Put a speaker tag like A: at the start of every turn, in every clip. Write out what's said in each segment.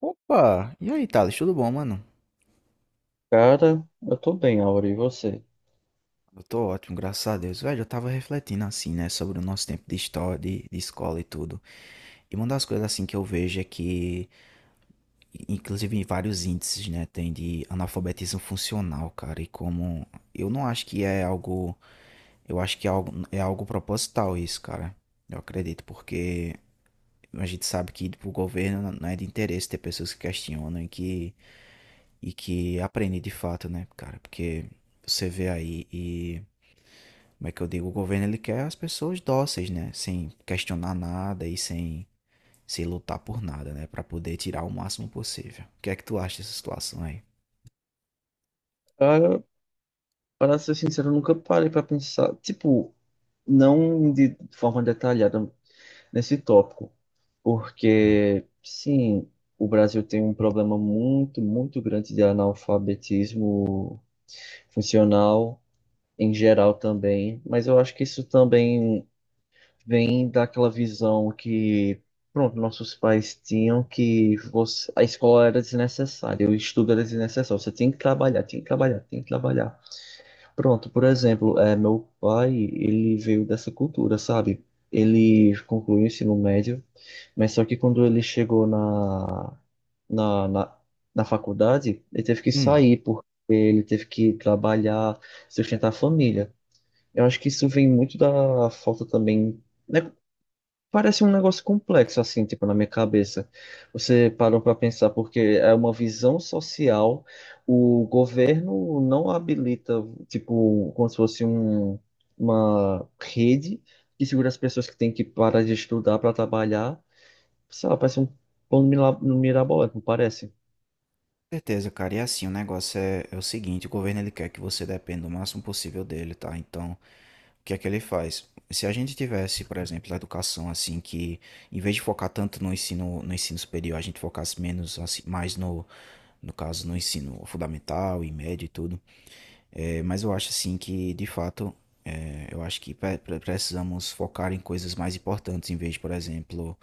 A: Opa! E aí, Thales, tudo bom, mano?
B: Cara, eu tô bem, Aura, e você?
A: Eu tô ótimo, graças a Deus. Velho, eu tava refletindo assim, né, sobre o nosso tempo de história, de escola e tudo. E uma das coisas assim que eu vejo é que, inclusive em vários índices, né, tem de analfabetismo funcional, cara. E como eu não acho que é algo, eu acho que é algo proposital isso, cara. Eu acredito, porque a gente sabe que pro governo não é de interesse ter pessoas que questionam e que aprendem de fato, né, cara? Porque você vê aí e. Como é que eu digo? O governo ele quer as pessoas dóceis, né? Sem questionar nada e sem se lutar por nada, né? Para poder tirar o máximo possível. O que é que tu acha dessa situação aí?
B: Cara, para ser sincero, eu nunca parei pra pensar, tipo, não de forma detalhada nesse tópico,
A: Hum.
B: porque, sim, o Brasil tem um problema muito, muito grande de analfabetismo funcional em geral também, mas eu acho que isso também vem daquela visão que, pronto, nossos pais tinham que você, a escola era desnecessária, o estudo era desnecessário, você tem que trabalhar, tem que trabalhar, tem que trabalhar. Pronto, por exemplo, meu pai, ele veio dessa cultura, sabe? Ele concluiu o ensino médio, mas só que quando ele chegou na, na, na faculdade, ele teve que
A: Hum,
B: sair, porque ele teve que trabalhar, sustentar a família. Eu acho que isso vem muito da falta também, né? Parece um negócio complexo, assim, tipo, na minha cabeça. Você parou para pensar, porque é uma visão social, o governo não habilita, tipo, como se fosse um, uma rede que segura as pessoas que têm que parar de estudar para trabalhar. Sei lá, parece um mirabolante, não parece?
A: certeza, cara. E assim, o negócio é o seguinte, o governo ele quer que você dependa o máximo possível dele, tá? Então, o que é que ele faz? Se a gente tivesse, por exemplo, a educação assim que em vez de focar tanto no ensino, no ensino superior, a gente focasse menos assim, mais no caso no ensino fundamental e médio e tudo. É, mas eu acho assim que, de fato, é, eu acho que precisamos focar em coisas mais importantes, em vez de, por exemplo,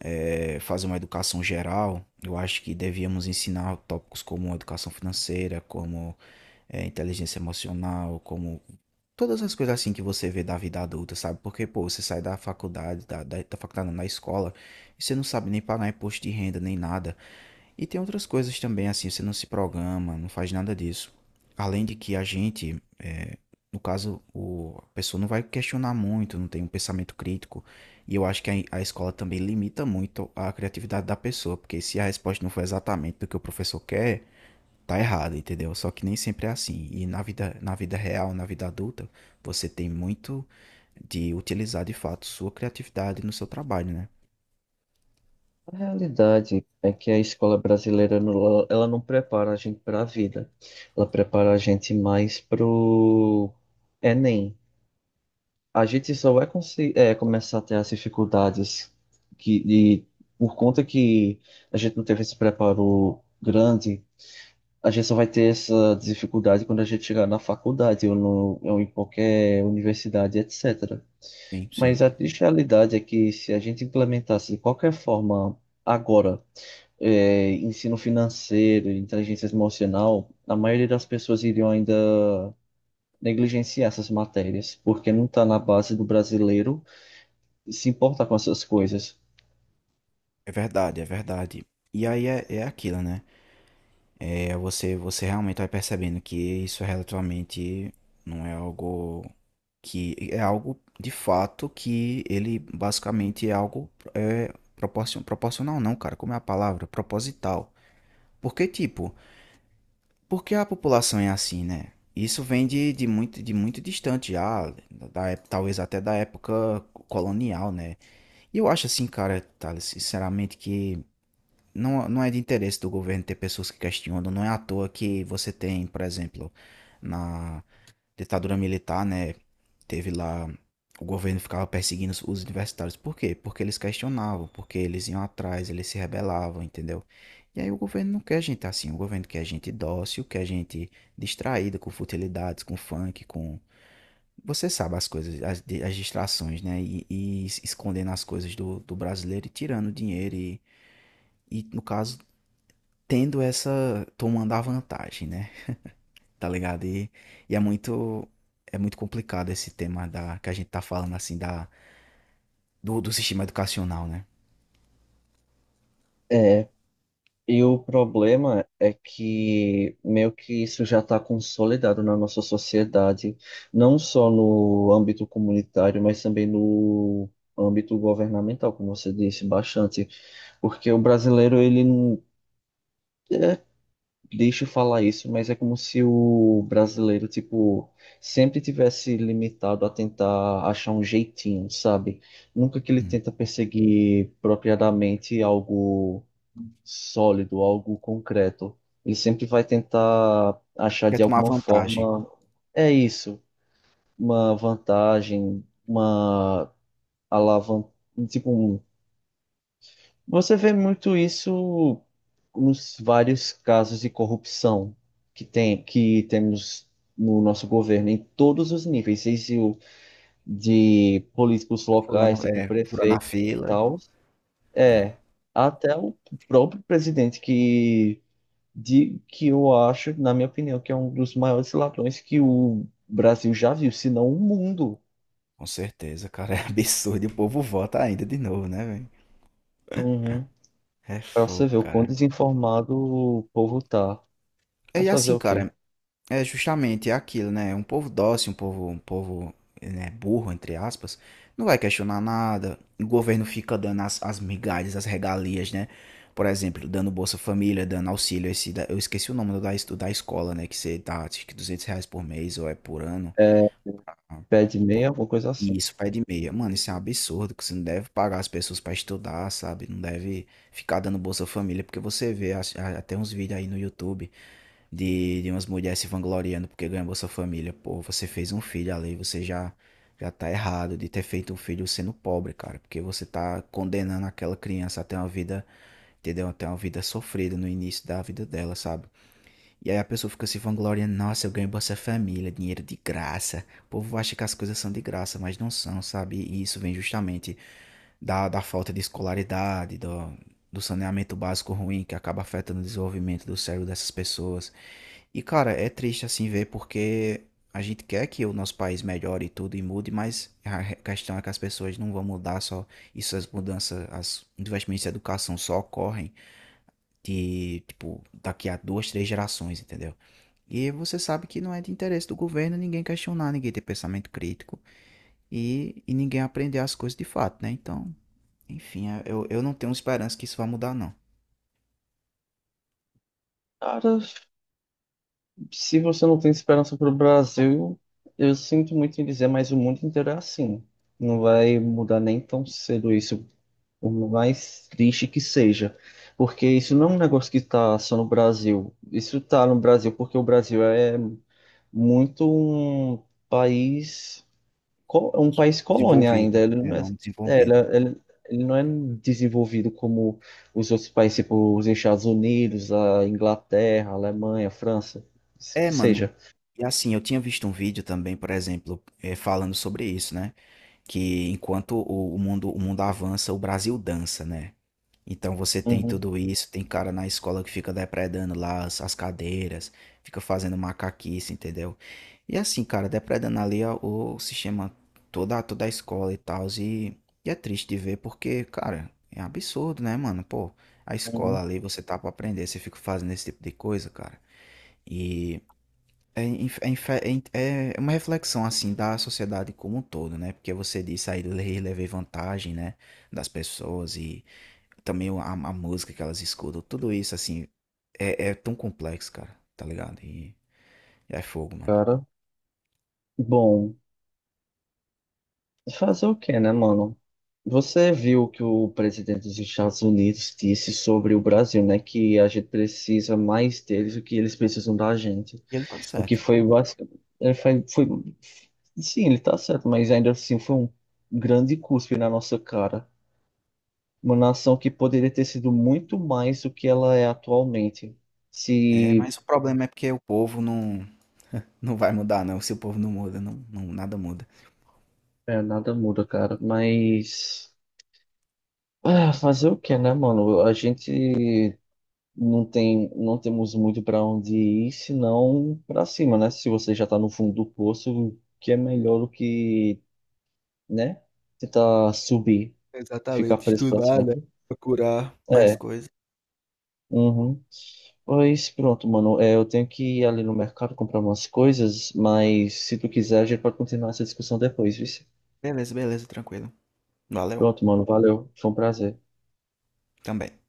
A: é, fazer uma educação geral. Eu acho que devíamos ensinar tópicos como educação financeira, como é, inteligência emocional, como todas as coisas assim que você vê da vida adulta, sabe? Porque, pô, você sai da faculdade, da faculdade, não, da escola, e você não sabe nem pagar imposto de renda, nem nada. E tem outras coisas também, assim, você não se programa, não faz nada disso. Além de que a gente, é, no caso, o, a pessoa não vai questionar muito, não tem um pensamento crítico. E eu acho que a escola também limita muito a criatividade da pessoa, porque se a resposta não for exatamente do que o professor quer, tá errado, entendeu? Só que nem sempre é assim. E na vida real, na vida adulta, você tem muito de utilizar de fato sua criatividade no seu trabalho, né?
B: A realidade é que a escola brasileira ela não prepara a gente para a vida, ela prepara a gente mais pro Enem. A gente só vai começar a ter as dificuldades que, de, por conta que a gente não teve esse preparo grande, a gente só vai ter essa dificuldade quando a gente chegar na faculdade ou, no, ou em qualquer universidade, etc.
A: Sim, sim.
B: Mas a triste realidade é que se a gente implementasse de qualquer forma agora, ensino financeiro, inteligência emocional, a maioria das pessoas iriam ainda negligenciar essas matérias, porque não está na base do brasileiro se importa com essas coisas.
A: É verdade, é verdade. E aí é, é aquilo, né? É, você realmente vai percebendo que isso é relativamente não é algo que é algo de fato que ele basicamente é algo é, proporcional não, cara, como é a palavra? Proposital. Porque tipo, porque a população é assim, né? Isso vem de muito distante já, da, talvez até da época colonial, né? E eu acho assim, cara, Thales, sinceramente que não, não é de interesse do governo ter pessoas que questionam. Não é à toa que você tem, por exemplo, na ditadura militar, né? Teve lá. O governo ficava perseguindo os universitários. Por quê? Porque eles questionavam, porque eles iam atrás, eles se rebelavam, entendeu? E aí o governo não quer gente assim. O governo quer gente dócil, quer gente distraída com futilidades, com funk, com. Você sabe as coisas, as, as distrações, né? E, escondendo as coisas do, do brasileiro e tirando dinheiro e. E no caso tendo essa, tomando a vantagem, né? Tá ligado? E é muito complicado esse tema da que a gente tá falando assim da do, do sistema educacional, né?
B: É, e o problema é que meio que isso já está consolidado na nossa sociedade, não só no âmbito comunitário, mas também no âmbito governamental, como você disse, bastante. Porque o brasileiro, ele não. É, deixa eu falar isso, mas é como se o brasileiro, tipo, sempre tivesse limitado a tentar achar um jeitinho, sabe? Nunca que ele
A: Hum.
B: tenta perseguir propriamente algo sólido, algo concreto. Ele sempre vai tentar achar
A: Quer
B: de
A: tomar
B: alguma
A: vantagem.
B: forma, é isso, uma vantagem, uma alavanca, tipo, um- você vê muito isso nos vários casos de corrupção que temos no nosso governo, em todos os níveis, seja o de políticos locais,
A: Fulano
B: tipo
A: é fura
B: prefeito
A: na
B: e
A: fila,
B: tal,
A: né?
B: é, até o próprio presidente que eu acho, na minha opinião, que é um dos maiores ladrões que o Brasil já viu, se não o mundo.
A: Com certeza, cara, é absurdo. E o povo vota ainda de novo, né, velho?
B: Uhum.
A: É
B: Para você
A: fogo,
B: ver o quão
A: cara.
B: desinformado o povo tá.
A: É e
B: Mas fazer
A: assim,
B: o quê?
A: cara, é justamente aquilo, né? Um povo dócil, um povo, né, burro, entre aspas, não vai questionar nada. O governo fica dando as, as migalhas, as regalias, né? Por exemplo, dando Bolsa Família, dando auxílio. Esse, eu esqueci o nome do da, do da escola, né? Que você dá, acho que R$ 200 por mês ou é por ano.
B: É,
A: Ah,
B: pede meia,
A: pô,
B: alguma coisa
A: e
B: assim.
A: isso, pé de meia. Mano, isso é um absurdo, que você não deve pagar as pessoas pra estudar, sabe? Não deve ficar dando Bolsa Família, porque você vê até uns vídeos aí no YouTube de umas mulheres se vangloriando porque ganhou Bolsa Família. Pô, você fez um filho ali, você já já tá errado de ter feito um filho sendo pobre, cara, porque você tá condenando aquela criança a ter uma vida, entendeu? Até uma vida sofrida no início da vida dela, sabe? E aí a pessoa fica se vangloriando, nossa, eu ganho Bolsa Família, dinheiro de graça. O povo acha que as coisas são de graça, mas não são, sabe? E isso vem justamente da, da falta de escolaridade, do, do saneamento básico ruim que acaba afetando o desenvolvimento do cérebro dessas pessoas. E cara, é triste assim ver porque a gente quer que o nosso país melhore e tudo e mude, mas a questão é que as pessoas não vão mudar só. Isso, as mudanças, as os investimentos em educação só ocorrem de, tipo, daqui a duas, três gerações, entendeu? E você sabe que não é de interesse do governo ninguém questionar, ninguém ter pensamento crítico e ninguém aprender as coisas de fato, né? Então, enfim, eu não tenho esperança que isso vá mudar, não.
B: Cara, se você não tem esperança pro Brasil, eu sinto muito em dizer, mas o mundo inteiro é assim. Não vai mudar nem tão cedo isso, por mais triste que seja. Porque isso não é um negócio que tá só no Brasil. Isso tá no Brasil porque o Brasil é muito um país, um país colônia ainda.
A: Desenvolvido,
B: Ele
A: é,
B: não é,
A: não
B: é, ele,
A: desenvolvido.
B: é, ele- ele não é desenvolvido como os outros países, tipo os Estados Unidos, a Inglaterra, a Alemanha, a França,
A: É,
B: que
A: mano,
B: seja.
A: e assim, eu tinha visto um vídeo também, por exemplo, falando sobre isso, né? Que enquanto o mundo avança, o Brasil dança, né? Então você tem
B: Uhum,
A: tudo isso, tem cara na escola que fica depredando lá as, as cadeiras, fica fazendo macaquice, entendeu? E assim, cara, depredando ali o sistema, toda, toda a escola e tal, e é triste de ver porque, cara, é absurdo, né, mano? Pô, a
B: uhum.
A: escola ali, você tá pra aprender, você fica fazendo esse tipo de coisa, cara. É, é uma reflexão assim da sociedade como um todo, né? Porque você disse aí levei vantagem, né? Das pessoas e também a música que elas escutam, tudo isso assim é, é tão complexo, cara, tá ligado? E é fogo, mano.
B: Cara, bom, fazer o quê, né, mano? Você viu o que o presidente dos Estados Unidos disse sobre o Brasil, né? Que a gente precisa mais deles do que eles precisam da gente.
A: E ele tá
B: O que
A: certo.
B: foi basicamente. Foi, foi, sim, ele tá certo, mas ainda assim foi um grande cuspe na nossa cara. Uma nação que poderia ter sido muito mais do que ela é atualmente.
A: É,
B: Se.
A: mas o problema é porque o povo não, não vai mudar, não. Se o povo não muda, não, não, nada muda.
B: É, nada muda, cara. Mas. Ah, fazer o que, né, mano? A gente não temos muito pra onde ir, senão pra cima, né? Se você já tá no fundo do poço, o que é melhor do que, né? Tentar subir, ficar
A: Exatamente,
B: preso pra
A: estudar, né?
B: sempre.
A: Procurar mais
B: É,
A: coisas.
B: uhum. Pois pronto, mano. É, eu tenho que ir ali no mercado comprar umas coisas, mas se tu quiser, a gente pode continuar essa discussão depois, viu?
A: Beleza, beleza, tranquilo. Valeu,
B: Pronto, mano. Valeu. Foi um prazer.
A: também.